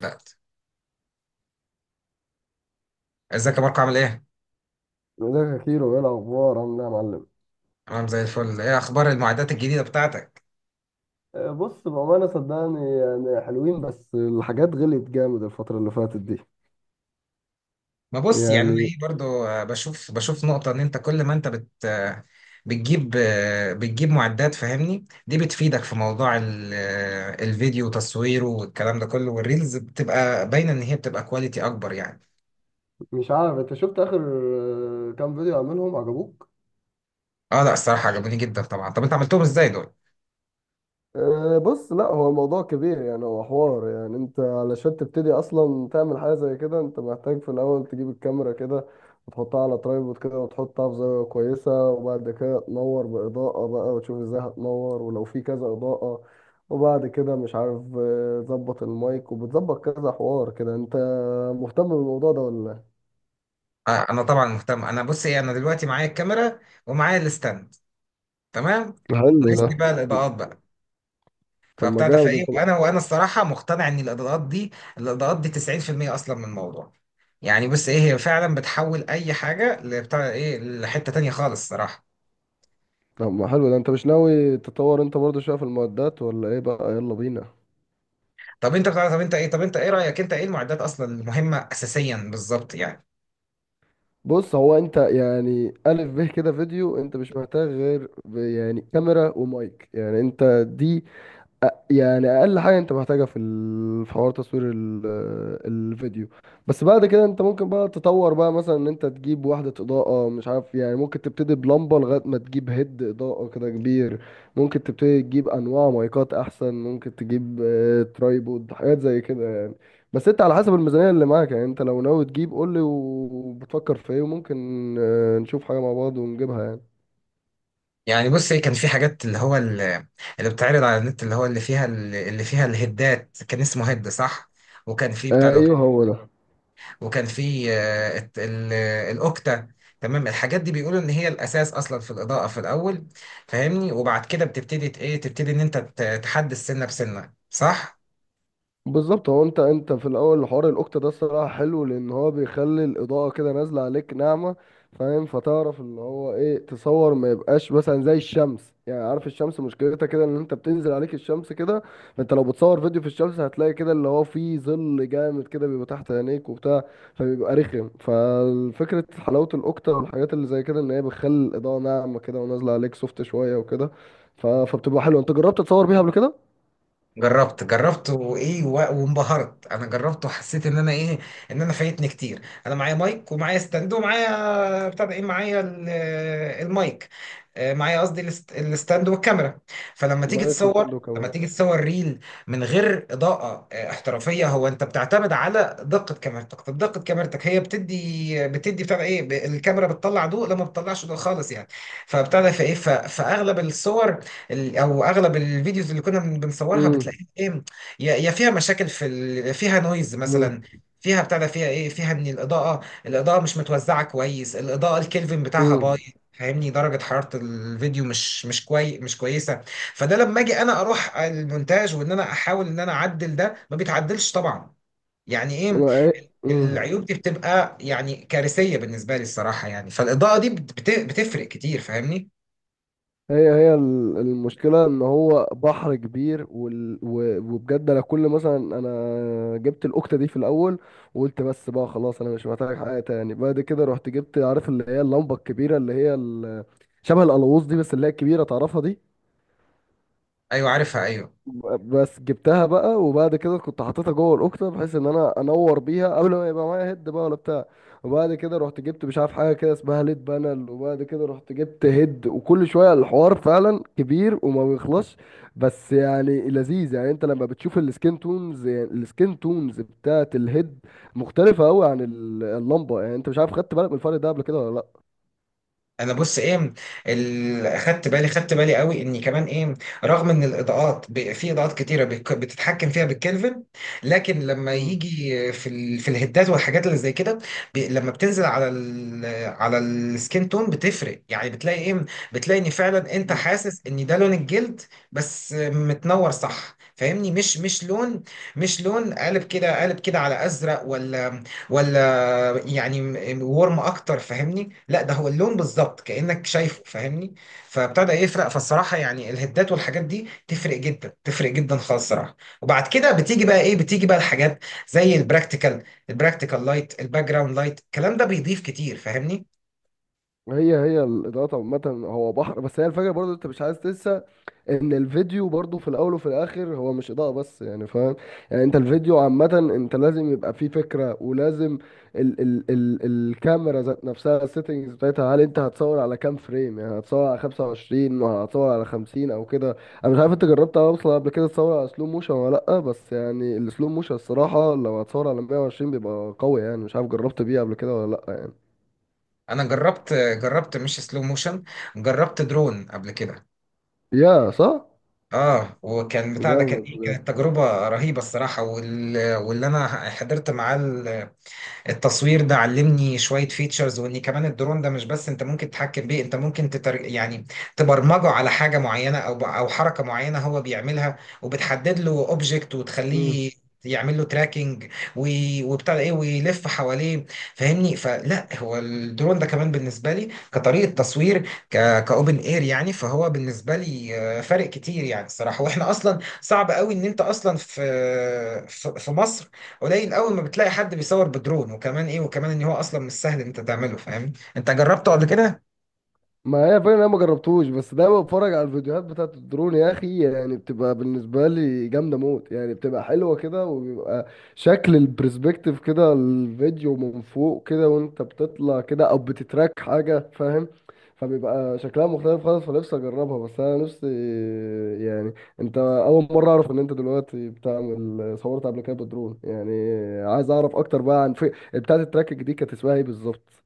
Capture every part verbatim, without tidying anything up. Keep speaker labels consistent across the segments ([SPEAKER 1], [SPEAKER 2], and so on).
[SPEAKER 1] بقت. ازيك يا ماركو، عامل ايه؟
[SPEAKER 2] ازيك يا كيرو؟ ايه الاخبار؟ عامل ايه يا معلم؟
[SPEAKER 1] تمام، زي الفل. ايه اخبار المعدات الجديدة بتاعتك؟
[SPEAKER 2] آه، بص بامانه صدقني يعني حلوين، بس الحاجات غليت جامد الفتره اللي فاتت دي.
[SPEAKER 1] ما بص، يعني انا
[SPEAKER 2] يعني
[SPEAKER 1] ايه برضو، آه، بشوف بشوف نقطة ان انت كل ما انت بت آه، بتجيب آه، بتجيب معدات، فاهمني؟ دي بتفيدك في موضوع ال- آه، الفيديو وتصويره والكلام ده كله، والريلز بتبقى باينة ان هي بتبقى كواليتي اكبر يعني.
[SPEAKER 2] مش عارف انت شفت اخر آه، كام فيديو عاملهم عجبوك؟
[SPEAKER 1] اه، لا، الصراحة عجبوني جدا طبعا. طب انت عملتهم ازاي دول؟
[SPEAKER 2] أه، بص، لا هو الموضوع كبير يعني. هو حوار، يعني انت علشان تبتدي اصلا تعمل حاجه زي كده انت محتاج في الاول تجيب الكاميرا كده، وتحطها على ترايبود كده، وتحطها في زاويه كويسه، وبعد كده تنور باضاءه بقى وتشوف ازاي هتنور ولو في كذا اضاءه. وبعد كده مش عارف، أه، تظبط المايك وبتظبط كذا حوار كده. انت مهتم بالموضوع ده ولا
[SPEAKER 1] آه، انا طبعا مهتم. انا بص ايه، انا دلوقتي معايا الكاميرا ومعايا الستاند، تمام؟
[SPEAKER 2] لا؟ حلو
[SPEAKER 1] ناقصني
[SPEAKER 2] ده.
[SPEAKER 1] بقى الاضاءات بقى،
[SPEAKER 2] طب ما
[SPEAKER 1] فبتاع ده
[SPEAKER 2] جامد
[SPEAKER 1] فايه،
[SPEAKER 2] انت.
[SPEAKER 1] وانا وانا الصراحه مقتنع ان الاضاءات دي، الاضاءات دي تسعين في المية اصلا من الموضوع. يعني بص ايه، هي فعلا بتحول اي حاجه لبتاع ايه، لحته تانية خالص الصراحه.
[SPEAKER 2] طب ما حلو ده، انت مش ناوي تطور انت برضه شويه في المعدات ولا ايه بقى؟ يلا بينا.
[SPEAKER 1] طب انت بتاع طب انت ايه طب انت ايه رايك، انت ايه المعدات اصلا المهمه اساسيا بالظبط يعني؟
[SPEAKER 2] بص، هو انت يعني الف به كده فيديو، انت مش محتاج غير ب- يعني كاميرا ومايك، يعني انت دي يعني اقل حاجه انت محتاجها في ال- في حوار تصوير ال- الفيديو. بس بعد كده انت ممكن بقى تطور بقى، مثلا ان انت تجيب وحده اضاءه، مش عارف، يعني ممكن تبتدي بلمبه لغايه ما تجيب هيد اضاءه كده كبير. ممكن تبتدي تجيب انواع مايكات احسن، ممكن تجيب آه، ترايبود، حاجات زي كده يعني. بس انت على حسب الميزانيه اللي معاك يعني. انت لو ناوي تجيب قول لي، وبتفكر في ايه وممكن آه، نشوف حاجه مع بعض ونجيبها يعني.
[SPEAKER 1] يعني بص ايه، كان في حاجات اللي هو ال- اللي بتعرض على النت، اللي هو اللي فيها ال- اللي فيها الهدات، كان اسمه هد، صح؟ وكان في بتاع
[SPEAKER 2] آه،
[SPEAKER 1] ده،
[SPEAKER 2] ايوه، هو ده
[SPEAKER 1] وكان في آه، الت- ال- الاوكتا. تمام، الحاجات دي بيقولوا ان هي الاساس اصلا في الاضاءه في الاول، فاهمني؟ وبعد كده بتبتدي ت- ايه تبتدي ان انت ت- تحدد سنه بسنه، صح؟
[SPEAKER 2] بالظبط. هو انت انت في الاول حوار الاوكتا ده الصراحه حلو، لان هو بيخلي الاضاءه كده نازله عليك ناعمه، فاهم؟ فتعرف اللي هو ايه، تصور ما يبقاش مثلا زي الشمس. يعني عارف الشمس مشكلتها كده، ان انت بتنزل عليك الشمس كده، فانت لو بتصور فيديو في الشمس هتلاقي كده اللي هو فيه ظل جامد كده بيبقى تحت عينيك وبتاع، فبيبقى رخم. ففكره حلاوه الاوكتا والحاجات اللي زي كده ان هي بتخلي الاضاءه ناعمه كده ونازله عليك سوفت شويه وكده، ف- فبتبقى حلوه. انت جربت تصور بيها قبل كده؟
[SPEAKER 1] جربت جربت وايه و- وانبهرت. انا جربت وحسيت ان انا ايه، ان انا فايتني كتير. انا معايا مايك ومعايا ستاند ومعايا بتاع ده ايه، معايا ال- المايك، آه، معايا قصدي الست- الستاند والكاميرا. فلما تيجي
[SPEAKER 2] مايك
[SPEAKER 1] تصور،
[SPEAKER 2] وستاند
[SPEAKER 1] لما تيجي تصور ريل من غير اضاءة آه، احترافية، هو انت بتعتمد على دقة كاميرتك. طب دقة كاميرتك هي بتدي بتدي بتاع ده ايه، ب- الكاميرا بتطلع ضوء لما بتطلعش ضوء خالص يعني. فبتاع ده فايه، ف- فاغلب الصور، ال- او اغلب الفيديوز اللي كنا بن- بنصورها،
[SPEAKER 2] كمان.
[SPEAKER 1] ايه، يا يا فيها مشاكل في ال... فيها نويز
[SPEAKER 2] مم.
[SPEAKER 1] مثلا. فيها بتاع ده، فيها ايه، فيها ان الاضاءه، الاضاءه مش متوزعه كويس، الاضاءه الكلفن بتاعها بايظ،
[SPEAKER 2] مم.
[SPEAKER 1] فاهمني؟ درجه حراره الفيديو مش مش كوي مش كويسه. فده لما اجي انا اروح المونتاج وان انا احاول ان انا اعدل ده، ما بيتعدلش طبعا. يعني ايه،
[SPEAKER 2] ما هي مم.
[SPEAKER 1] العيوب دي بتبقى يعني كارثيه بالنسبه لي الصراحه. يعني فالاضاءه دي بت... بت- بتفرق كتير فاهمني.
[SPEAKER 2] هي هي ال- المشكلة ان هو بحر كبير، وال... و... وبجد انا كل مثلا، انا جبت الاكتة دي في الاول وقلت بس بقى خلاص انا مش محتاج حاجة تاني. بعد كده رحت جبت، عارف اللي هي اللمبة الكبيرة اللي هي ال... شبه القلاووز دي، بس اللي هي الكبيرة تعرفها دي.
[SPEAKER 1] ايوه عارفها، ايوه.
[SPEAKER 2] بس جبتها بقى، وبعد كده كنت حاططها جوه الاكتة بحيث ان انا انور بيها قبل ما يبقى معايا هيد بقى ولا بتاع. وبعد كده رحت جبت مش عارف حاجه كده اسمها ليد بانل، وبعد كده رحت جبت هيد، وكل شويه. الحوار فعلا كبير وما بيخلصش، بس يعني لذيذ. يعني انت لما بتشوف السكين تونز، يعني السكين تونز بتاعت الهيد مختلفه قوي عن ال- اللمبه. يعني انت مش عارف، خدت بالك من الفرق ده قبل كده ولا لا؟
[SPEAKER 1] انا بص ايه، ال- خدت بالي، خدت بالي قوي، اني كمان ايه، رغم ان الاضاءات ب- في اضاءات كتيره بك- بتتحكم فيها بالكلفن، لكن لما
[SPEAKER 2] مم.
[SPEAKER 1] يجي في ال... في الهدات والحاجات اللي زي كده، ب... لما بتنزل على ال... على السكين تون بتفرق، يعني بتلاقي ايه، بتلاقي ان فعلا انت
[SPEAKER 2] مم.
[SPEAKER 1] حاسس ان ده لون الجلد، بس متنور، صح؟ فاهمني، مش مش لون، مش لون قالب كده، قالب كده على ازرق ولا ولا، يعني م- ورم اكتر، فاهمني؟ لا، ده هو اللون بالظبط كانك شايفه، فاهمني؟ فابتدى يفرق. فالصراحه يعني الهدات والحاجات دي تفرق جدا، تفرق جدا خالص الصراحه. وبعد كده بتيجي بقى ايه، بتيجي بقى الحاجات زي البراكتيكال، البراكتيكال لايت، الباك جراوند لايت، الكلام ده بيضيف كتير فاهمني.
[SPEAKER 2] هي هي الاضاءات عامه هو بحر، بس هي الفكره برضه انت مش عايز تنسى ان الفيديو برضو في الاول وفي الاخر هو مش اضاءة بس، يعني فاهم؟ يعني انت الفيديو عامة انت لازم يبقى فيه فكرة، ولازم ال ال ال الكاميرا ذات نفسها، السيتنجز بتاعتها، هل انت هتصور على كام فريم؟ يعني هتصور على خمسة وعشرين ولا هتصور على خمسين او كده؟ انا مش عارف انت جربت اصلا قبل كده تصور على سلو موشن ولا لا. بس يعني السلو موشن الصراحة لو هتصور على مية وعشرين بيبقى قوي، يعني مش عارف جربت بيه قبل كده ولا لا يعني.
[SPEAKER 1] انا جربت، جربت مش سلو موشن، جربت درون قبل كده.
[SPEAKER 2] يا صح،
[SPEAKER 1] اه، وكان بتاع ده كان ايه،
[SPEAKER 2] جامد.
[SPEAKER 1] كانت تجربه رهيبه الصراحه. وال... واللي انا حضرت معاه التصوير ده علمني شوية فيتشرز، وان كمان الدرون ده مش بس انت ممكن تتحكم بيه، انت ممكن تتر... يعني تبرمجه على حاجة معينة، او او حركة معينة هو بيعملها، وبتحدد له اوبجكت
[SPEAKER 2] جامد.
[SPEAKER 1] وتخليه يعمل له تراكنج، وبتاع ده ايه، ويلف حواليه، فاهمني؟ فلا، هو الدرون ده كمان بالنسبه لي كطريقه تصوير، ك كاوبن اير يعني. فهو بالنسبه لي آه، فارق كتير يعني الصراحه. واحنا اصلا صعب قوي ان انت اصلا في في في مصر قليل قوي ما بتلاقي حد بيصور بدرون. وكمان ايه، وكمان ان هو اصلا مش سهل ان انت تعمله، فاهم؟ انت جربته قبل كده؟
[SPEAKER 2] ما هي فعلا انا ما جربتوش، بس دايما بتفرج على الفيديوهات بتاعت الدرون يا اخي. يعني بتبقى بالنسبه لي جامده موت، يعني بتبقى حلوه كده، وبيبقى شكل البرسبكتيف كده، الفيديو من فوق كده وانت بتطلع كده او بتتراك حاجه، فاهم؟ فبيبقى شكلها مختلف خالص، فنفسي اجربها. بس انا نفسي يعني، انت اول مره اعرف ان انت دلوقتي بتعمل، صورت قبل كده بالدرون يعني؟ عايز اعرف اكتر بقى عن في بتاعت التراكنج دي، كانت اسمها ايه بالظبط؟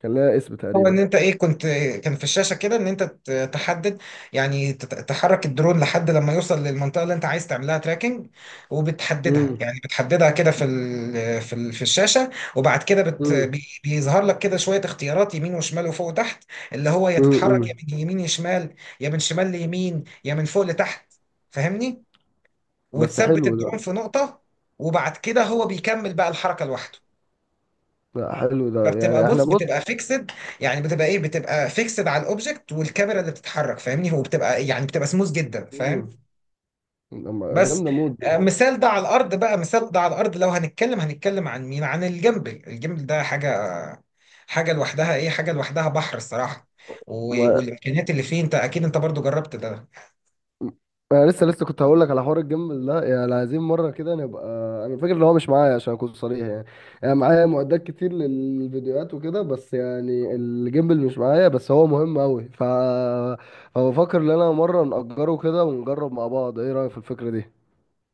[SPEAKER 2] كان لها اسم
[SPEAKER 1] هو
[SPEAKER 2] تقريبا.
[SPEAKER 1] ان انت ايه، كنت، كان في الشاشه كده ان انت ت- تحدد، يعني تت- تحرك الدرون لحد لما يوصل للمنطقه اللي انت عايز تعملها تراكنج، وبتحددها يعني، بتحددها كده في ال في ال في الشاشه. وبعد كده بت
[SPEAKER 2] امم.
[SPEAKER 1] بي- بيظهر لك كده شويه اختيارات، يمين وشمال وفوق وتحت، اللي هو يا
[SPEAKER 2] امم.
[SPEAKER 1] تتحرك يا من يمين يشمال، يا من شمال ليمين، يا من فوق لتحت، فاهمني؟
[SPEAKER 2] بس
[SPEAKER 1] وتثبت
[SPEAKER 2] حلو ده.
[SPEAKER 1] الدرون في نقطة، وبعد كده هو بيكمل بقى الحركة لوحده.
[SPEAKER 2] لا حلو ده،
[SPEAKER 1] فبتبقى،
[SPEAKER 2] يعني احنا
[SPEAKER 1] بص،
[SPEAKER 2] بص.
[SPEAKER 1] بتبقى فيكسد، يعني بتبقى ايه، بتبقى فيكسد على الاوبجكت والكاميرا اللي بتتحرك، فاهمني؟ هو بتبقى يعني بتبقى سموث جدا،
[SPEAKER 2] مم.
[SPEAKER 1] فاهم؟
[SPEAKER 2] لما-
[SPEAKER 1] بس
[SPEAKER 2] جامده موت دي.
[SPEAKER 1] آه، مثال ده على الارض بقى، مثال ده على الارض لو هنتكلم، هنتكلم عن مين، عن الجيمبل. الجيمبل ده حاجة، حاجة لوحدها ايه حاجة لوحدها بحر الصراحة. و-
[SPEAKER 2] ما
[SPEAKER 1] والامكانيات اللي فيه، انت اكيد انت برضو جربت ده.
[SPEAKER 2] انا لسه لسه كنت هقول لك على حوار الجيم ده، يعني عايزين مره كده نبقى. انا فاكر ان هو مش معايا عشان اكون صريح يعني. يعني معايا معدات كتير للفيديوهات وكده، بس يعني الجيمبل مش معايا، بس هو مهم قوي، ف فبفكر ان انا مره نأجره كده ونجرب مع بعض. ايه رأيك في الفكره دي؟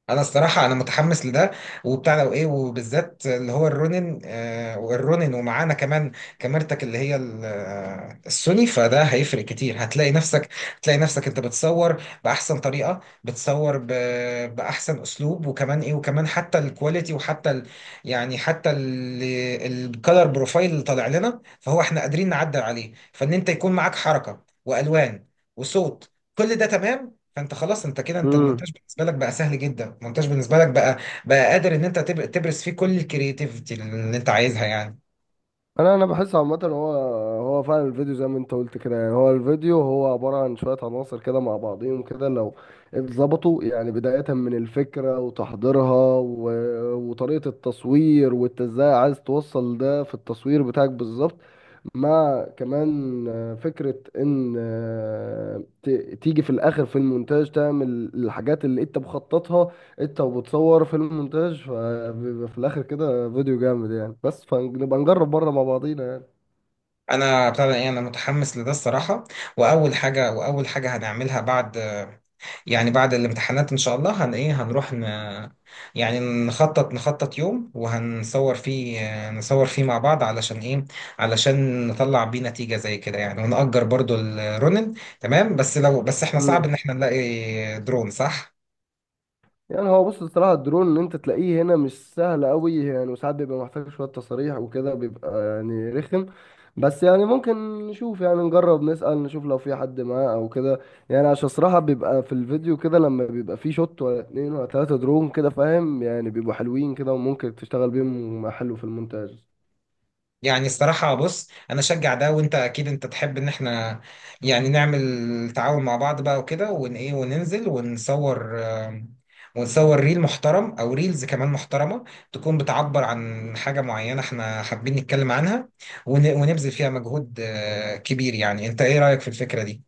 [SPEAKER 1] انا الصراحه انا متحمس لده، وبتاع لو ايه، وبالذات اللي هو الرونين، آه، والرونين ومعانا كمان كاميرتك اللي هي ال- آه، السوني، فده هيفرق كتير. هتلاقي نفسك، هتلاقي نفسك انت بتصور باحسن طريقه، بتصور ب... باحسن اسلوب. وكمان ايه، وكمان حتى الكواليتي، وحتى ال... يعني حتى ال... الكالر بروفايل اللي طالع لنا فهو احنا قادرين نعدل عليه، فان انت يكون معاك حركه والوان وصوت، كل ده تمام. فانت خلاص انت كده، انت
[SPEAKER 2] امم.
[SPEAKER 1] المونتاج بالنسبه لك بقى سهل جدا، المونتاج بالنسبه لك بقى بقى قادر ان انت تب- تبرز فيه كل الكرياتيفيتي اللي انت عايزها يعني.
[SPEAKER 2] انا انا بحس عامه، هو هو فعلا الفيديو زي ما انت قلت كده، يعني هو الفيديو هو عباره عن شويه عناصر كده مع بعضهم كده لو اتظبطوا، يعني بدايه من الفكره وتحضيرها و... وطريقه التصوير، وانت ازاي عايز توصل ده في التصوير بتاعك بالظبط، مع كمان آه، فكره ان آه، ت... تيجي في الاخر في المونتاج تعمل الحاجات اللي انت مخططها انت وبتصور فيلم مونتاج، فبيبقى في الاخر كده فيديو جامد يعني. بس فنبقى نجرب بره مع بعضينا يعني.
[SPEAKER 1] انا بتاع ده ايه، انا متحمس لده الصراحه. واول حاجه، واول حاجه هنعملها بعد، يعني بعد الامتحانات ان شاء الله، هن ايه هنروح ن... يعني نخطط، نخطط يوم وهنصور فيه، نصور فيه مع بعض، علشان ايه، علشان نطلع بيه نتيجه زي كده يعني، ونأجر برضو الرونن. تمام، بس لو بس احنا صعب ان
[SPEAKER 2] امم.
[SPEAKER 1] احنا نلاقي درون، صح؟
[SPEAKER 2] يعني هو بص، الصراحه الدرون ان انت تلاقيه هنا مش سهل قوي يعني، وساعات بيبقى محتاج شويه تصاريح وكده، بيبقى يعني رخم. بس يعني ممكن نشوف، يعني نجرب نسأل نشوف لو في حد معاه او كده، يعني عشان الصراحه بيبقى في الفيديو كده لما بيبقى فيه شوت ولا اتنين ولا تلاته درون كده، فاهم؟ يعني بيبقوا حلوين كده، وممكن تشتغل بيهم حلو في المونتاج.
[SPEAKER 1] يعني الصراحة، بص، أنا أشجع ده، وأنت أكيد أنت تحب إن إحنا يعني نعمل تعاون مع بعض بقى وكده، ون إيه وننزل ونصور، آم، ونصور ريل محترم أو ريلز كمان محترمة، تكون بتعبر عن حاجة معينة إحنا حابين نتكلم عنها. ون ونبذل فيها مجهود آه، كبير يعني. أنت إيه رأيك في الفكرة دي؟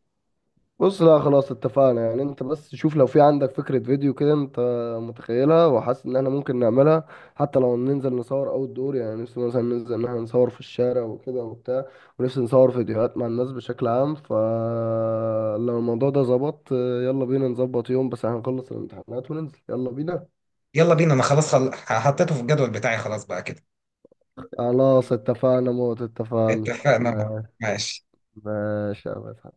[SPEAKER 2] بص لا خلاص اتفقنا، يعني انت بس شوف لو في عندك فكرة فيديو كده انت متخيلها وحاسس ان احنا ممكن نعملها. حتى لو ننزل نصور اوت دور، يعني نفسي مثلا ننزل ان احنا نصور في الشارع وكده وبتاع، ونفسي نصور فيديوهات مع الناس بشكل عام. فلو الموضوع ده ظبط يلا بينا نظبط يوم، بس هنخلص الامتحانات وننزل يلا بينا.
[SPEAKER 1] يلا بينا، أنا خلاص، خل... حطيته في الجدول بتاعي خلاص بقى كده.
[SPEAKER 2] خلاص اتفقنا موت. اتفقنا
[SPEAKER 1] اتفقنا، ماشي.
[SPEAKER 2] ماشي يا باشا.